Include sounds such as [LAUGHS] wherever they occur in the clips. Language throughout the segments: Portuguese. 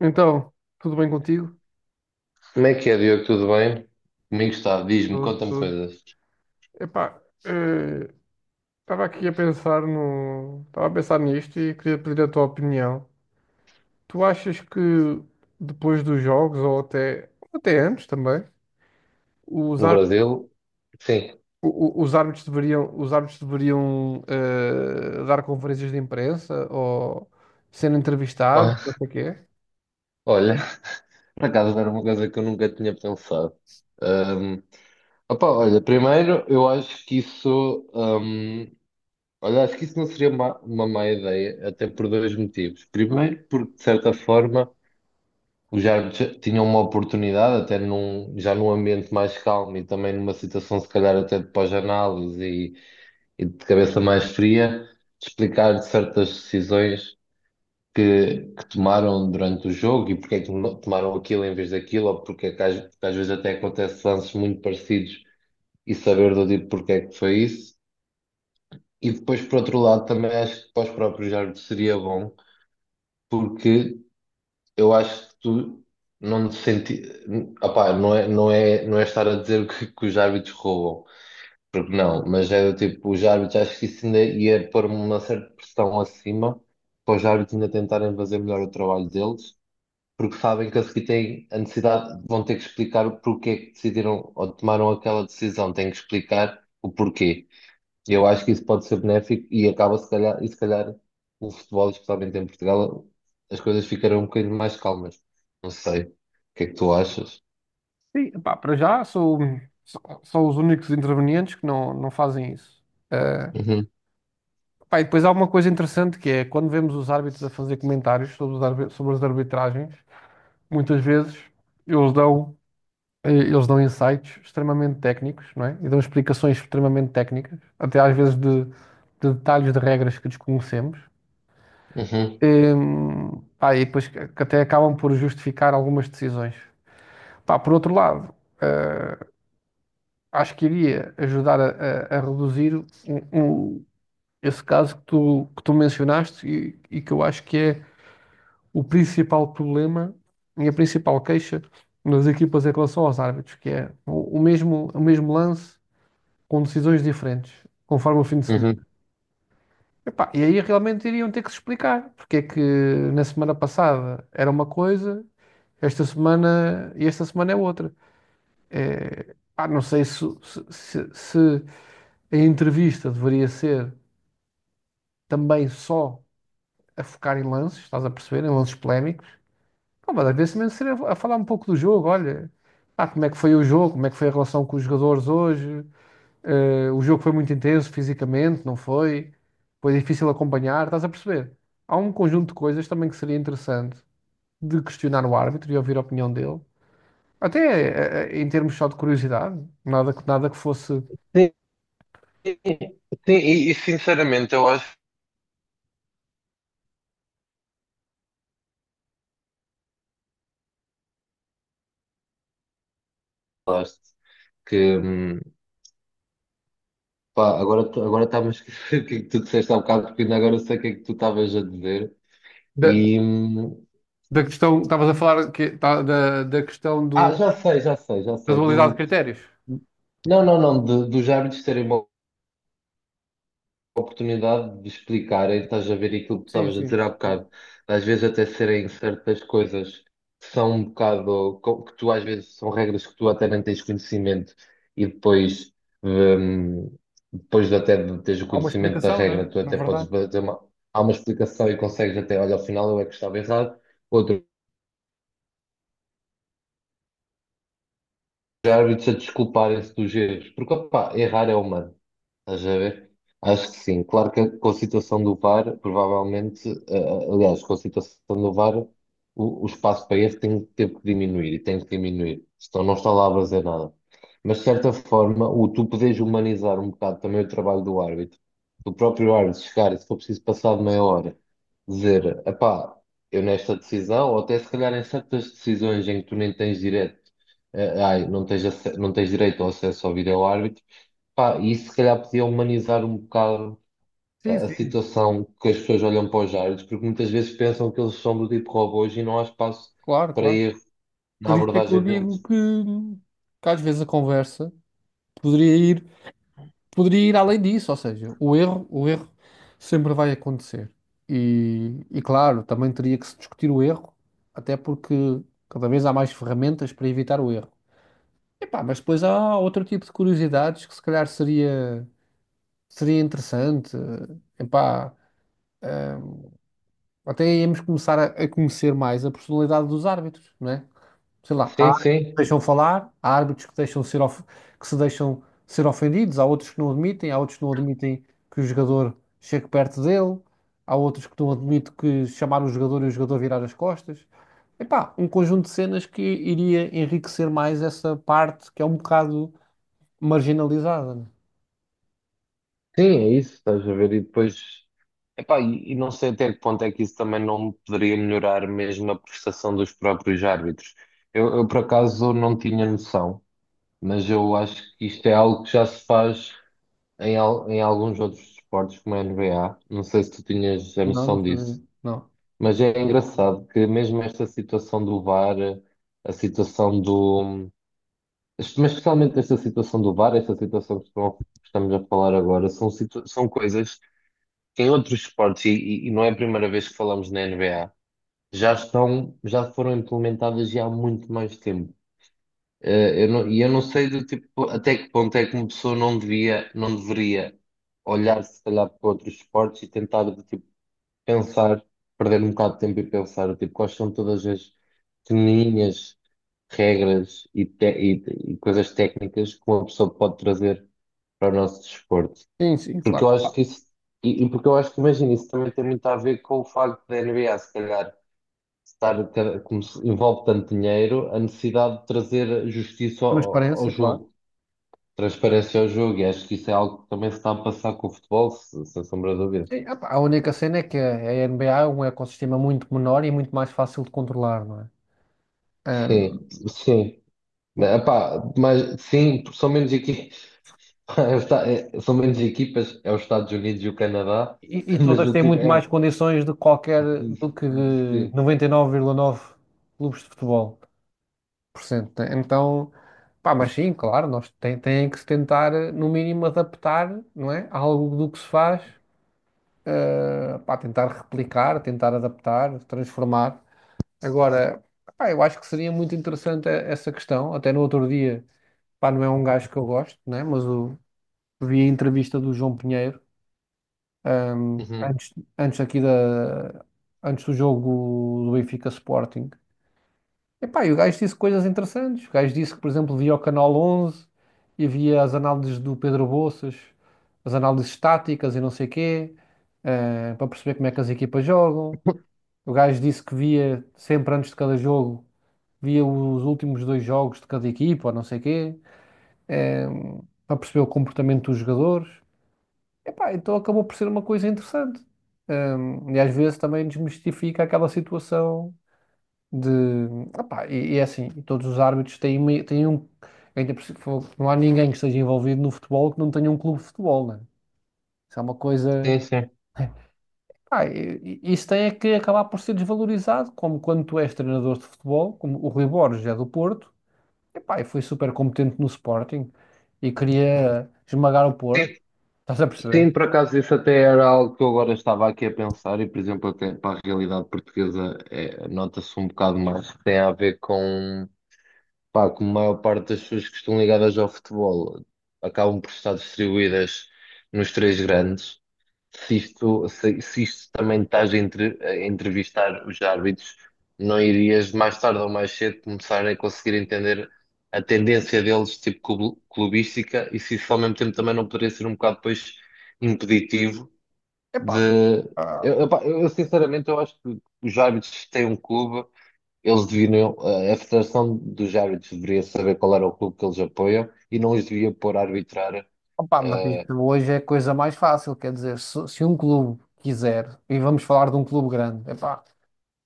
Então, tudo bem contigo? Como é que é, Diogo? Tudo bem? Comigo está, diz-me, Tudo, conta-me tudo. coisas. Epá, estava aqui a pensar no, estava a pensar nisto e queria pedir a tua opinião. Tu achas que depois dos jogos ou até antes também, os, No ár- Brasil, sim. os árbitros deveriam, dar conferências de imprensa ou ser entrevistados, não Ó- sei o quê? Olha, [LAUGHS] por acaso era uma coisa que eu nunca tinha pensado. Ahm, opa, olha, primeiro eu acho que isso, olha, acho que isso não seria uma má ideia, até por dois motivos. Primeiro, porque de certa forma os árbitros tinham uma oportunidade, até já num ambiente mais calmo e também numa situação se calhar até de pós-análise e de cabeça mais fria, de explicar certas decisões que tomaram durante o jogo e porque é que tomaram aquilo em vez daquilo, ou porque é que porque às vezes até acontece lances muito parecidos e saber do tipo porque é que foi isso. E depois, por outro lado, também acho que para os próprios árbitros seria bom, porque eu acho que tu não te senti... Opá, não é estar a dizer que os árbitros roubam, porque não, mas é do tipo, os árbitros, acho que isso ainda ia pôr uma certa pressão acima para os árbitros ainda tentarem fazer melhor o trabalho deles, porque sabem que a seguir têm a necessidade, vão ter que explicar o porquê é que decidiram ou tomaram aquela decisão, têm que explicar o porquê. Eu acho que isso pode ser benéfico e acaba se calhar, e se calhar o futebol, especialmente em Portugal, as coisas ficarão um bocadinho mais calmas. Não sei. O que é que tu achas? Sim, epá, para já sou os únicos intervenientes que não fazem isso. Uhum, Pá, e depois há uma coisa interessante que é quando vemos os árbitros a fazer comentários sobre, sobre as arbitragens, muitas vezes eles dão, eles dão insights extremamente técnicos, não é? E dão explicações extremamente técnicas, até às vezes de detalhes de regras que desconhecemos. uhum, Em, pá, e depois que até acabam por justificar algumas decisões. Pá, por outro lado, eh, acho que iria ajudar a reduzir um- esse caso que tu mencionaste e que eu acho que é o principal problema e a principal queixa das equipas em relação aos árbitros, que é o mesmo lance com decisões diferentes, conforme o fim de semana. uhum. Epá, e aí realmente iriam ter que se explicar porque é que na semana passada era uma coisa, esta semana é outra. É, pá, não sei se a entrevista deveria ser também só a focar em lances, estás a perceber, em lances polémicos. Pô, mas às vezes também seria a falar um pouco do jogo. Olha, ah, como é que foi o jogo, como é que foi a relação com os jogadores hoje, eh, o jogo foi muito intenso fisicamente, não foi? Foi difícil acompanhar, estás a perceber? Há um conjunto de coisas também que seria interessante de questionar o árbitro e ouvir a opinião dele, até em termos só de curiosidade, nada que fosse. Sim, sim, sinceramente eu acho. Falaste, que, pá, agora está-me a esquecer [LAUGHS] o que é que tu disseste há bocado, porque ainda agora sei o que é que tu estavas a dizer. Da, E da questão, estavas a falar da questão ah, do, já sei, já sei, já da sei. dualidade de Do, critérios. não, não, não, dos árbitros terem uma oportunidade de explicarem, estás a ver aquilo que tu Sim, estavas a sim, dizer há sim. bocado, às vezes até serem certas coisas que são um bocado, que tu às vezes são regras que tu até nem tens conhecimento e depois. hum, Depois de até de teres o Há uma conhecimento da explicação, regra, né? tu Na até podes verdade. fazer uma, há uma explicação e consegues até, olha, ao final eu é que estava errado, outro árbitros a desculparem-se dos erros, porque opá, errar é humano, estás a ver? Acho que sim, claro que com a situação do VAR, provavelmente, aliás, com a situação do VAR, o espaço para erro tem, teve que diminuir e tem que diminuir, senão não está lá a fazer nada. Mas de certa forma, o tu podes humanizar um bocado também o trabalho do árbitro, o próprio árbitro chegar e se for preciso passar de meia hora, dizer, epá, eu nesta decisão, ou até se calhar em certas decisões em que tu nem tens direito ai, não tens direito ao acesso ao vídeo-árbitro. Pá, e isso se calhar podia humanizar um bocado Sim, a sim, situação que as pessoas olham para os árbitros, porque muitas vezes pensam que eles são do tipo robôs e não há espaço claro, para claro. erro na Por isso é que eu abordagem digo deles. Que às vezes a conversa poderia ir, poderia ir além disso, ou seja, o erro sempre vai acontecer. E claro, também teria que se discutir o erro, até porque cada vez há mais ferramentas para evitar o erro. Epá, mas depois há outro tipo de curiosidades que se calhar seria interessante. Epá, eh, até íamos começar a conhecer mais a personalidade dos árbitros, não é? Sei lá, há Sim, árbitros que sim, deixam falar, há árbitros que se deixam ser ofendidos, há outros que não admitem que o jogador chegue perto dele, há outros que não admitem que chamar o jogador e o jogador virar as costas. Epá, um conjunto de cenas que iria enriquecer mais essa parte que é um bocado marginalizada, né? sim, é isso, estás a ver? E depois, epá, e não sei até que ponto é que isso também não poderia melhorar mesmo a prestação dos próprios árbitros. Eu por acaso não tinha noção, mas eu acho que isto é algo que já se faz em alguns outros esportes, como a NBA, não sei se tu tinhas a Não, não noção disso, sabia. Não. mas é engraçado que mesmo esta situação do VAR, a situação do. Mas especialmente esta situação do VAR, esta situação que estamos a falar agora, são, são coisas que em outros esportes, e não é a primeira vez que falamos na NBA, já estão, já foram implementadas já há muito mais tempo. Eh, eu não- E eu não sei do tipo até que ponto é que uma pessoa não devia, não deveria olhar se calhar para outros esportes e tentar do tipo pensar, perder um bocado de tempo e pensar do tipo quais são todas as pequenininhas regras e coisas técnicas que uma pessoa pode trazer para o nosso desporto. Sim, sim, Porque claro. eu acho que isso, e porque eu acho que imagina, isso também tem muito a ver com o facto da NBA, se calhar estar, como se envolve tanto dinheiro, a necessidade de trazer justiça ao Transparência, claro. jogo, transparência ao jogo, e acho que isso é algo que também se está a passar com o futebol, sem sombra de dúvida. Sim, epá, a única cena é que a NBA é um ecossistema muito menor e muito mais fácil de controlar, não é? Sim, sim. Ah, Epá, mas sim, porque são menos equipas, [LAUGHS] são menos equipas, é os Estados Unidos e o Canadá, e [LAUGHS] mas todas do têm tipo, muito é. mais condições de qualquer do que Sim. 99,9 clubes de futebol por cento. Né? Então, pá, mas sim, claro, têm que se tentar, eh, no mínimo, adaptar, não é? Algo do que se faz, eh, pá, tentar replicar, tentar adaptar, transformar. Agora, pá, eu acho que seria muito interessante, eh, essa questão. Até no outro dia, pá, não é um gajo que eu gosto, né? Mas o, vi a entrevista do João Pinheiro Uhum. Antes aqui antes do jogo do Benfica Sporting. Epá, e o gajo disse coisas interessantes. O gajo disse que, por exemplo, via o Canal 11 e via as análises do Pedro Bolsas, as análises táticas e não sei quê, eh, para perceber como é que as equipas jogam. O gajo disse que via sempre antes de cada jogo, via os últimos dois jogos de cada equipa ou não sei quê, eh, para perceber o comportamento dos jogadores. Epá, então acabou por ser uma coisa interessante. E às vezes também desmistifica aquela situação de. Epá, e é assim, e todos os árbitros têm, têm um, ainda por cima. Não há ninguém que esteja envolvido no futebol que não tenha um clube de futebol, né? Isso é uma coisa. Sim, sim. Pá, isso tem é que acabar por ser desvalorizado, como quando tu és treinador de futebol, como o Rui Borges é do Porto. Epá, e foi super competente no Sporting e queria esmagar o Porto, Sim, estás a perceber? sim, por acaso isso até era algo que eu agora estava aqui a pensar e, por exemplo, até para a realidade portuguesa é, nota-se um bocado mais que tem a ver com, pá, com a maior parte das pessoas que estão ligadas ao futebol acabam por estar distribuídas nos três grandes se isto, se isto também estás a entrevistar os árbitros, não irias mais tarde ou mais cedo começar a conseguir entender a tendência deles, tipo clubística, e se isso ao mesmo tempo também não poderia ser um bocado depois impeditivo Epá. de. Eu, sinceramente eu acho que os árbitros têm um clube, eles deviam a Federação dos Árbitros deveria saber qual era o clube que eles apoiam e não os devia pôr a arbitrar Opa, mas eh, isso hoje é a coisa mais fácil, quer dizer, se um clube quiser, e vamos falar de um clube grande, epá,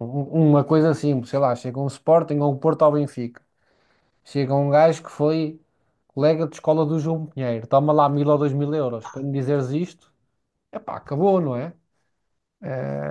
um- uma coisa simples, sei lá, chega um Sporting ou um Porto ao Benfica, chega um gajo que foi colega de escola do João Pinheiro, toma lá 1.000 ou 2.000 euros para me dizeres isto, epá, acabou, não é?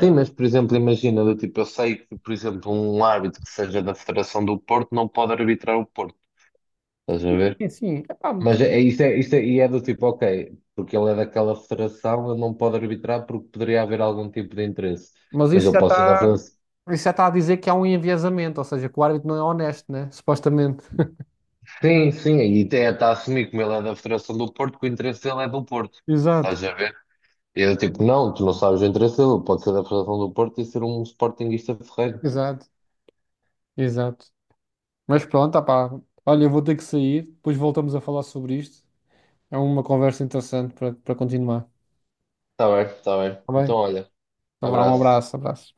sim, mas por exemplo, imagina, do tipo, eu sei que, por exemplo, um árbitro que seja da Federação do Porto não pode arbitrar o Porto, estás a ver? Eh, sim, sim, epá, Mas isso isso é, e é do tipo, ok, porque ele é daquela federação, ele não pode arbitrar porque poderia haver algum tipo de interesse. mas Mas eu posso ser da federação. isso já está a dizer que há um enviesamento, ou seja, que o árbitro não é honesto, né? Supostamente. [LAUGHS] Sim, sim, e até está a assumir como ele é da Federação do Porto, que o interesse dele é do Porto, Exato, estás a ver? E eu tipo, não, tu não sabes o interesse dele, pode ser da Federação do Porto e ser um sportinguista ferreiro. exato, exato. Mas pronto, opá. Olha, eu vou ter que sair, depois voltamos a falar sobre isto. É uma conversa interessante para continuar. Está bem, está bem. Tá Então, bem? olha, Então vá, um abraço. abraço, abraço.